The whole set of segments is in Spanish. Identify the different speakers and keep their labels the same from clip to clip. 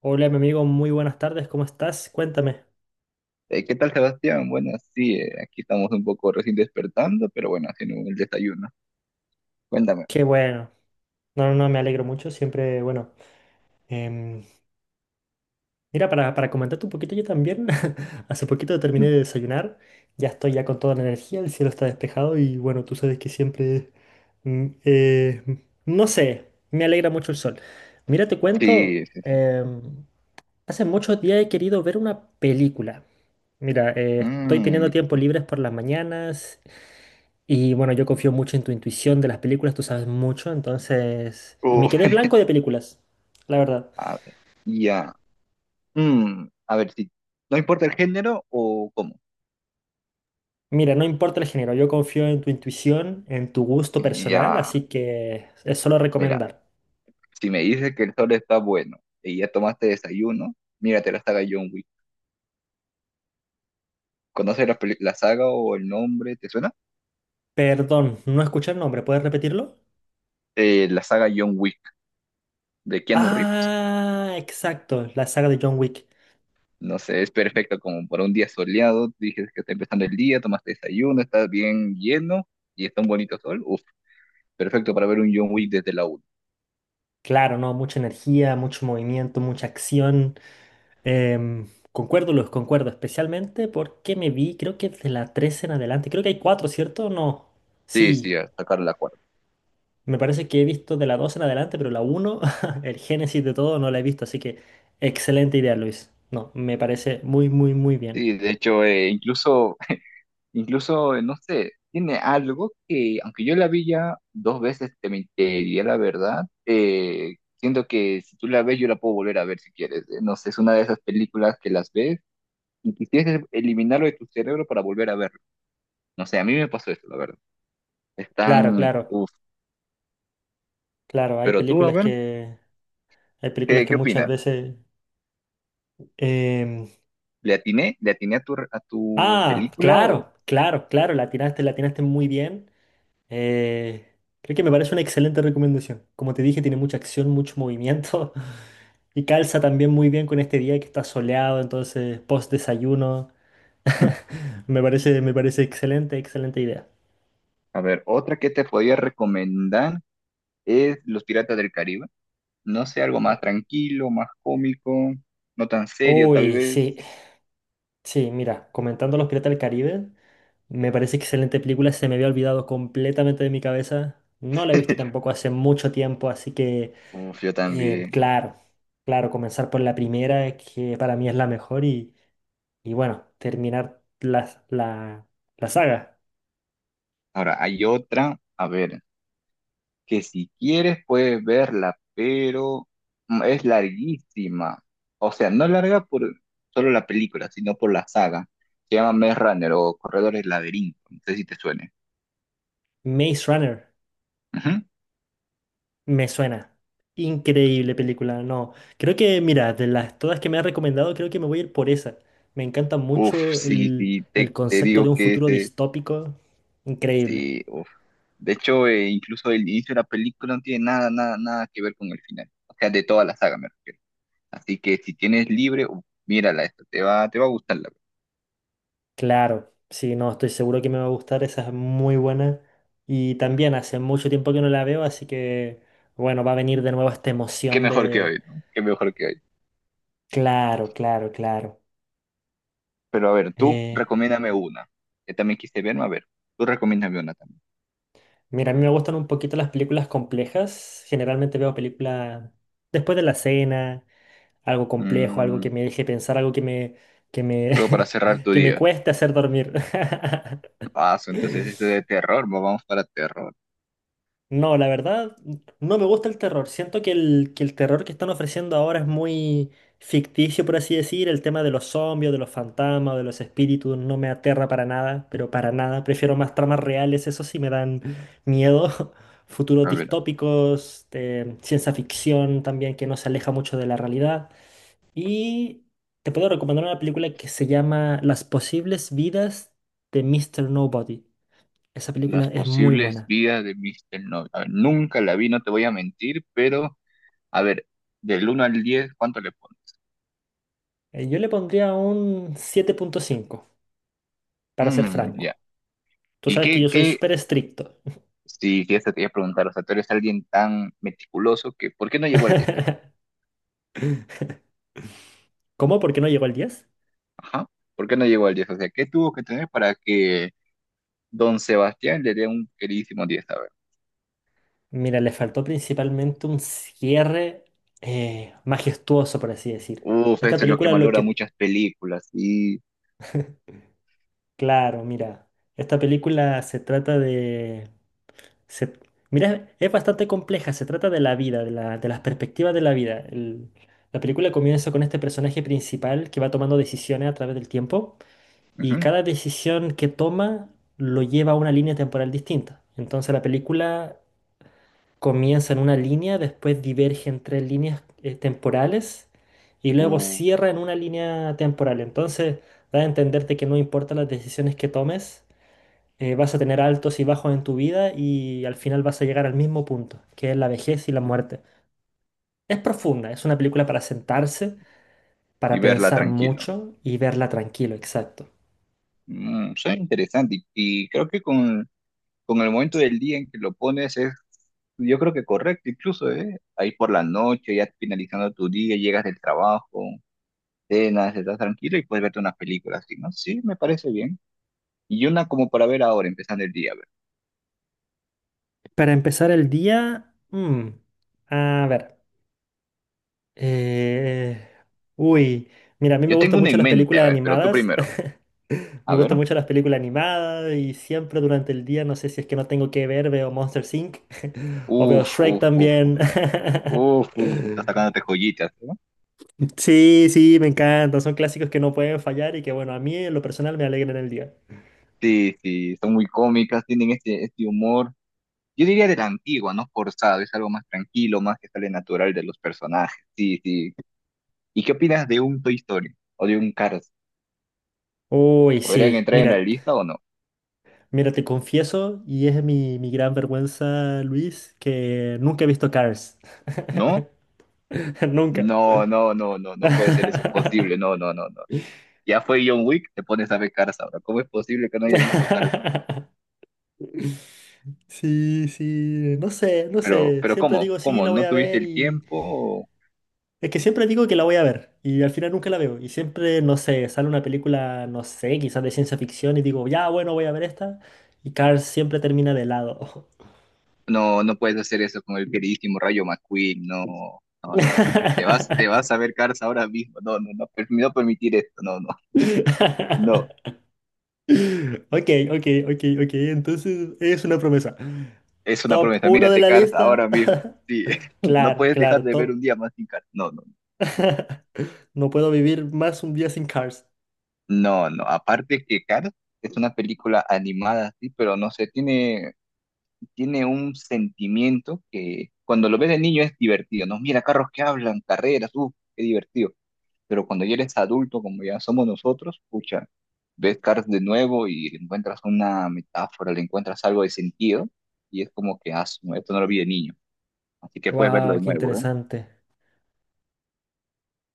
Speaker 1: Hola, mi amigo, muy buenas tardes, ¿cómo estás? Cuéntame.
Speaker 2: ¿Qué tal, Sebastián? Bueno, sí, aquí estamos un poco recién despertando, pero bueno, haciendo el desayuno. Cuéntame.
Speaker 1: Qué bueno. No, no, no, me alegro mucho, siempre, bueno. em, mira, para comentarte un poquito yo también, hace poquito terminé
Speaker 2: Mm.
Speaker 1: de desayunar, ya estoy ya con toda la energía, el cielo está despejado y bueno, tú sabes que siempre, mm, eh, no sé, me alegra mucho el sol. Mira, te cuento,
Speaker 2: Sí, sí, sí.
Speaker 1: hace muchos días he querido ver una película. Mira, estoy teniendo
Speaker 2: Mm.
Speaker 1: tiempo libres por las mañanas. Y bueno, yo confío mucho en tu intuición de las películas, tú sabes mucho, entonces... Y me
Speaker 2: Uf,
Speaker 1: quedé blanco de películas, la verdad.
Speaker 2: a ver, ya. Mm, a ver, sí. ¿No importa el género o cómo?
Speaker 1: Mira, no importa el género, yo confío en tu intuición, en tu gusto personal,
Speaker 2: Ya,
Speaker 1: así que es solo
Speaker 2: mira,
Speaker 1: recomendar.
Speaker 2: si me dices que el sol está bueno y ya tomaste desayuno, mírate la saga John Wick. ¿Conoces la saga o el nombre? ¿Te suena?
Speaker 1: Perdón, no escuché el nombre, ¿puedes repetirlo?
Speaker 2: La saga John Wick de Keanu Reeves.
Speaker 1: Ah, exacto, la saga de John Wick.
Speaker 2: No sé, es perfecto como para un día soleado. Dices que está empezando el día, tomaste desayuno, estás bien lleno y está un bonito sol. Uf, perfecto para ver un John Wick desde la una.
Speaker 1: Claro, ¿no? Mucha energía, mucho movimiento, mucha acción. Concuerdo, Luz, concuerdo, especialmente porque me vi, creo que de la tres en adelante, creo que hay cuatro, ¿cierto? No,
Speaker 2: Sí, sí,
Speaker 1: sí.
Speaker 2: a sacar la cuarta.
Speaker 1: Me parece que he visto de la 2 en adelante, pero la uno el génesis de todo, no la he visto. Así que excelente idea, Luis. No, me parece muy, muy, muy bien.
Speaker 2: Sí, de hecho, incluso, incluso, no sé, tiene algo que, aunque yo la vi ya dos veces, te mentiría la verdad. Siento que si tú la ves, yo la puedo volver a ver si quieres. No sé, es una de esas películas que las ves y quisieras eliminarlo de tu cerebro para volver a verlo. No sé, a mí me pasó eso, la verdad.
Speaker 1: Claro,
Speaker 2: Están,
Speaker 1: claro,
Speaker 2: uf.
Speaker 1: claro. Hay
Speaker 2: Pero tú, a
Speaker 1: películas
Speaker 2: ver,
Speaker 1: que, hay películas
Speaker 2: ¿qué,
Speaker 1: que
Speaker 2: qué
Speaker 1: muchas
Speaker 2: opinas?
Speaker 1: veces... em,
Speaker 2: ¿Le atiné a tu
Speaker 1: Ah,
Speaker 2: película o...?
Speaker 1: claro, claro, claro. La tiraste muy bien. Eh, Creo que me parece una excelente recomendación. Como te dije, tiene mucha acción, mucho movimiento. Y calza también muy bien con este día que está soleado, entonces post desayuno. Me parece excelente, excelente idea.
Speaker 2: A ver, otra que te podría recomendar es Los Piratas del Caribe. No sé, algo más tranquilo, más cómico, no tan serio tal
Speaker 1: Uy,
Speaker 2: vez.
Speaker 1: sí, sí, mira, comentando Los Piratas del Caribe, me parece excelente película, se me había olvidado completamente de mi cabeza, no la he visto tampoco hace mucho tiempo, así que,
Speaker 2: Uf, yo también. ¿No?
Speaker 1: claro, claro, comenzar por la primera, que para mí es la mejor, y bueno, terminar la saga,
Speaker 2: Ahora, hay otra, a ver, que si quieres puedes verla, pero es larguísima. O sea, no larga por solo la película, sino por la saga. Se llama Maze Runner o Corredor del Laberinto. No sé si te suene.
Speaker 1: Maze Runner.
Speaker 2: Ujú.
Speaker 1: Me suena. Increíble película. No, creo que, mira, de las todas que me ha recomendado, creo que me voy a ir por esa. Me encanta
Speaker 2: Uf,
Speaker 1: mucho
Speaker 2: sí,
Speaker 1: el,
Speaker 2: sí,
Speaker 1: el
Speaker 2: te
Speaker 1: concepto de
Speaker 2: digo
Speaker 1: un
Speaker 2: que
Speaker 1: futuro
Speaker 2: ese,
Speaker 1: distópico. Increíble.
Speaker 2: sí, uf. De hecho, incluso el inicio de la película no tiene nada, nada, nada que ver con el final. O sea, de toda la saga me refiero. Así que si tienes libre, uf, mírala esta, te va a gustarla.
Speaker 1: Claro, sí, no, estoy seguro que me va a gustar. Esa es muy buena. Y también hace mucho tiempo que no la veo, así que, bueno, va a venir de nuevo esta
Speaker 2: Qué
Speaker 1: emoción
Speaker 2: mejor que
Speaker 1: de...
Speaker 2: hoy, ¿no? Qué mejor que hoy.
Speaker 1: Claro, claro, claro.
Speaker 2: Pero a ver, tú
Speaker 1: Eh,
Speaker 2: recomiéndame una. Que también quise verme, a ver. Tú recomiéndame una también.
Speaker 1: mira, a mí me gustan un poquito las películas complejas. Generalmente veo películas después de la cena. Algo complejo, algo que
Speaker 2: Mm,
Speaker 1: me deje pensar, algo que me,
Speaker 2: Algo para cerrar tu
Speaker 1: que me
Speaker 2: día.
Speaker 1: cueste hacer dormir.
Speaker 2: Paso, entonces este de terror, vamos para terror.
Speaker 1: No, la verdad, no me gusta el terror. Siento que el terror que están ofreciendo ahora es muy ficticio, por así decir. El tema de los zombies, de los fantasmas, de los espíritus, no me aterra para nada, pero para nada. Prefiero más tramas reales, eso sí me dan miedo. Futuros
Speaker 2: A ver,
Speaker 1: distópicos, ciencia ficción también que no se aleja mucho de la realidad. Y te puedo recomendar una película que se llama Las posibles vidas de Mr. Nobody. Esa
Speaker 2: las
Speaker 1: película es muy
Speaker 2: posibles
Speaker 1: buena.
Speaker 2: vidas de Mr. Noble. A ver, nunca la vi, no te voy a mentir, pero a ver, del 1 al 10, ¿cuánto le pones?
Speaker 1: Yo le pondría un 7,5, para ser
Speaker 2: Mm, ya.
Speaker 1: franco. Tú
Speaker 2: ¿Y
Speaker 1: sabes que
Speaker 2: qué,
Speaker 1: yo soy
Speaker 2: qué?
Speaker 1: súper estricto.
Speaker 2: Sí, sí, eso te iba a preguntar. O sea, tú eres alguien tan meticuloso que, ¿por qué no llegó al 10 ahora?
Speaker 1: ¿Cómo? ¿Por qué no llegó al 10?
Speaker 2: Ajá. ¿Por qué no llegó al diez? O sea, ¿qué tuvo que tener para que Don Sebastián le dio un queridísimo 10 a ver.
Speaker 1: Mira, le faltó principalmente un cierre majestuoso, por así decir.
Speaker 2: Uf,
Speaker 1: Esta
Speaker 2: eso es lo que
Speaker 1: película es lo
Speaker 2: valora
Speaker 1: que...
Speaker 2: muchas películas y,
Speaker 1: Claro, mira. Esta película se trata de... Se- mira, es bastante compleja, se trata de la vida, de la, de las perspectivas de la vida. La película comienza con este personaje principal que va tomando decisiones a través del tiempo y
Speaker 2: ujú,
Speaker 1: cada decisión que toma lo lleva a una línea temporal distinta. Entonces la película comienza en una línea, después diverge en tres líneas temporales y luego
Speaker 2: uh,
Speaker 1: cierra en una línea temporal. Entonces da a entenderte que no importa las decisiones que tomes, vas a tener altos y bajos en tu vida y al final vas a llegar al mismo punto, que es la vejez y la muerte. Es profunda, es una película para sentarse, para
Speaker 2: verla
Speaker 1: pensar
Speaker 2: tranquilo.
Speaker 1: mucho y verla tranquilo, exacto.
Speaker 2: Suena interesante y creo que con el momento del día en que lo pones es, yo creo que correcto incluso, ¿eh? Ahí por la noche, ya finalizando tu día, llegas del trabajo, cenas, estás tranquilo y puedes verte unas películas así, ¿no? Sí, me parece bien. Y una como para ver ahora, empezando el día, a ver.
Speaker 1: Para empezar el día, a ver, eh, uy, mira, a mí me
Speaker 2: Yo tengo
Speaker 1: gustan
Speaker 2: una
Speaker 1: mucho
Speaker 2: en
Speaker 1: las
Speaker 2: mente, a
Speaker 1: películas
Speaker 2: ver, pero tú
Speaker 1: animadas,
Speaker 2: primero. A
Speaker 1: me
Speaker 2: ver.
Speaker 1: gustan mucho las películas animadas y siempre durante el día, no sé si es que no tengo que ver, veo Monsters Inc. o veo
Speaker 2: Uf,
Speaker 1: Shrek
Speaker 2: uf, uf.
Speaker 1: también.
Speaker 2: Uf, uf, está sacándote joyitas, ¿no?
Speaker 1: Sí, sí, me encanta. Son clásicos que no pueden fallar y que, bueno, a mí en lo personal me alegran el día.
Speaker 2: Sí, sí, son muy cómicas, tienen este humor, yo diría de la antigua, no forzado, es algo más tranquilo, más que sale natural de los personajes, sí, sí. ¿Y qué opinas de un Toy Story o de un Cars?
Speaker 1: Uy,
Speaker 2: ¿Podrían
Speaker 1: sí,
Speaker 2: entrar en la
Speaker 1: mira,
Speaker 2: lista o no?
Speaker 1: mira, te confieso, y es mi gran vergüenza, Luis, que nunca he visto Cars.
Speaker 2: ¿No?
Speaker 1: Nunca.
Speaker 2: No, no, no, no, no puede ser eso posible, no, no, no, no. Ya fue John Wick, te pones a ver Cars ahora. ¿Cómo es posible que no haya visto Cars?
Speaker 1: Sí, sí, no sé, no
Speaker 2: Pero,
Speaker 1: sé.
Speaker 2: pero
Speaker 1: Siempre
Speaker 2: ¿cómo?
Speaker 1: digo, sí,
Speaker 2: ¿Cómo?
Speaker 1: la voy
Speaker 2: ¿No
Speaker 1: a
Speaker 2: tuviste
Speaker 1: ver
Speaker 2: el
Speaker 1: y...
Speaker 2: tiempo?
Speaker 1: Es que siempre digo que la voy a ver y al final nunca la veo. Y siempre, no sé, sale una película, no sé, quizás de ciencia ficción y digo, ya, bueno, voy a ver esta. Y Cars siempre termina de lado.
Speaker 2: No, no puedes hacer eso con el queridísimo Rayo McQueen, no, no, no, no, no. Te vas a ver Cars ahora mismo. No, no, no, no permitir esto, no, no, no.
Speaker 1: Ok, ok, ok, ok. Entonces es una promesa.
Speaker 2: Es una
Speaker 1: Top
Speaker 2: promesa.
Speaker 1: uno de
Speaker 2: Mírate
Speaker 1: la
Speaker 2: Cars
Speaker 1: lista.
Speaker 2: ahora mismo. Sí, no
Speaker 1: Claro,
Speaker 2: puedes dejar
Speaker 1: claro,
Speaker 2: de ver
Speaker 1: top.
Speaker 2: un día más sin Cars. No, no,
Speaker 1: No puedo vivir más un día sin Cars.
Speaker 2: no, no. Aparte que Cars es una película animada, sí, pero no sé, tiene un sentimiento que cuando lo ves de niño es divertido, ¿no? Mira, carros que hablan, carreras, uff, qué divertido. Pero cuando ya eres adulto, como ya somos nosotros, pucha, ves Cars de nuevo y le encuentras una metáfora, le encuentras algo de sentido, y es como que, ah, esto no lo vi de niño, así que puedes verlo
Speaker 1: Wow,
Speaker 2: de
Speaker 1: qué
Speaker 2: nuevo, ¿eh?
Speaker 1: interesante.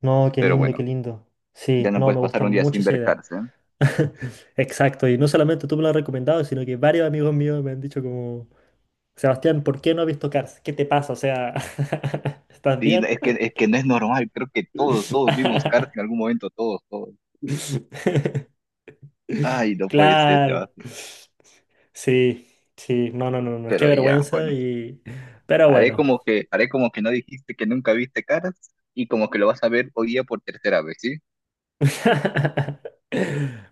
Speaker 1: No, qué
Speaker 2: Pero
Speaker 1: lindo, qué
Speaker 2: bueno,
Speaker 1: lindo.
Speaker 2: ya
Speaker 1: Sí,
Speaker 2: no
Speaker 1: no, me
Speaker 2: puedes pasar
Speaker 1: gusta
Speaker 2: un día
Speaker 1: mucho
Speaker 2: sin
Speaker 1: esa
Speaker 2: ver
Speaker 1: idea.
Speaker 2: Cars, ¿eh?
Speaker 1: Exacto, y no solamente tú me lo has recomendado, sino que varios amigos míos me han dicho como, Sebastián, ¿por qué no has visto Cars? ¿Qué te pasa? O sea, ¿estás
Speaker 2: Y no-
Speaker 1: bien?
Speaker 2: es que, es que no es normal, creo que todos, todos vimos Cars en algún momento, todos, todos. Ay, no puede ser,
Speaker 1: Claro.
Speaker 2: Sebastián.
Speaker 1: Sí, sí, no, no, no, no, qué
Speaker 2: Pero ya,
Speaker 1: vergüenza
Speaker 2: bueno,
Speaker 1: y... Pero
Speaker 2: haré
Speaker 1: bueno...
Speaker 2: como que, haré como que no dijiste que nunca viste Cars, y como que lo vas a ver hoy día por tercera vez, ¿sí?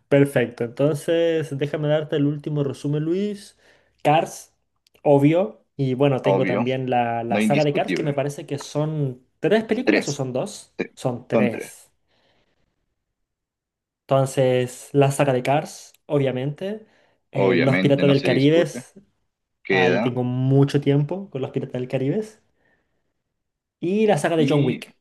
Speaker 1: Perfecto, entonces déjame darte el último resumen, Luis. Cars, obvio. Y bueno, tengo
Speaker 2: Obvio,
Speaker 1: también la,
Speaker 2: no
Speaker 1: la saga de Cars, que me
Speaker 2: indiscutible.
Speaker 1: parece que son tres películas o
Speaker 2: Tres.
Speaker 1: son dos.
Speaker 2: Sí,
Speaker 1: Son
Speaker 2: son tres.
Speaker 1: tres. Entonces, la saga de Cars, obviamente. Los
Speaker 2: Obviamente,
Speaker 1: Piratas
Speaker 2: no
Speaker 1: del
Speaker 2: se
Speaker 1: Caribe,
Speaker 2: discute.
Speaker 1: ahí
Speaker 2: Queda.
Speaker 1: tengo mucho tiempo con Los Piratas del Caribe. Y la saga de John
Speaker 2: Y
Speaker 1: Wick.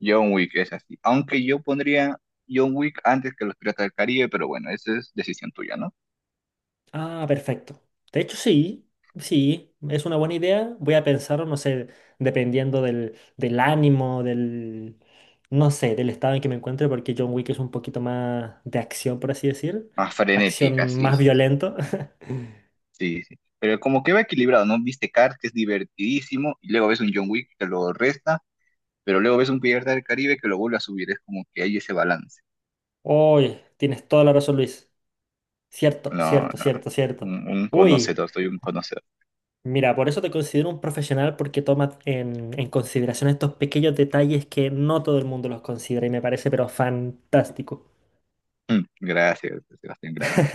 Speaker 2: John Wick es así. Aunque yo pondría John Wick antes que los Piratas del Caribe, pero bueno, esa es decisión tuya, ¿no?
Speaker 1: Ah, perfecto. De hecho, sí, sí, es una buena idea. Voy a pensar, no sé, dependiendo del ánimo, no sé, del estado en que me encuentre, porque John Wick es un poquito más de acción, por así decir.
Speaker 2: Más frenética,
Speaker 1: Acción
Speaker 2: sí,
Speaker 1: más
Speaker 2: sí,
Speaker 1: violento.
Speaker 2: sí, sí. Pero como que va equilibrado, ¿no? Viste Cars, que es divertidísimo, y luego ves un John Wick que lo resta, pero luego ves un Pirata del Caribe que lo vuelve a subir. Es como que hay ese balance.
Speaker 1: Uy, tienes toda la razón, Luis. Cierto,
Speaker 2: No,
Speaker 1: cierto,
Speaker 2: no.
Speaker 1: cierto, cierto.
Speaker 2: Un
Speaker 1: Uy,
Speaker 2: conocedor, soy un conocedor.
Speaker 1: mira, por eso te considero un profesional porque tomas en consideración estos pequeños detalles que no todo el mundo los considera y me parece pero fantástico.
Speaker 2: Gracias, Sebastián, gracias.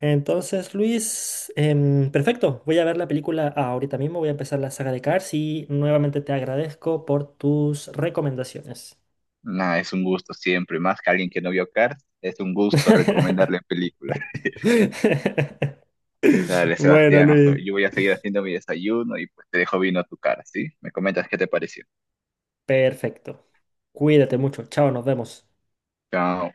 Speaker 1: Entonces, Luis, perfecto. Voy a ver la película ahorita mismo. Voy a empezar la saga de Cars y nuevamente te agradezco por tus recomendaciones.
Speaker 2: Nada, es un gusto siempre, más que alguien que no vio Cars, es un gusto recomendarle películas. Dale,
Speaker 1: Bueno,
Speaker 2: Sebastián,
Speaker 1: Luis.
Speaker 2: yo voy a seguir haciendo mi desayuno y pues te dejo vino a tu cara, ¿sí? Me comentas qué te pareció.
Speaker 1: Perfecto. Cuídate mucho. Chao, nos vemos.
Speaker 2: Chao.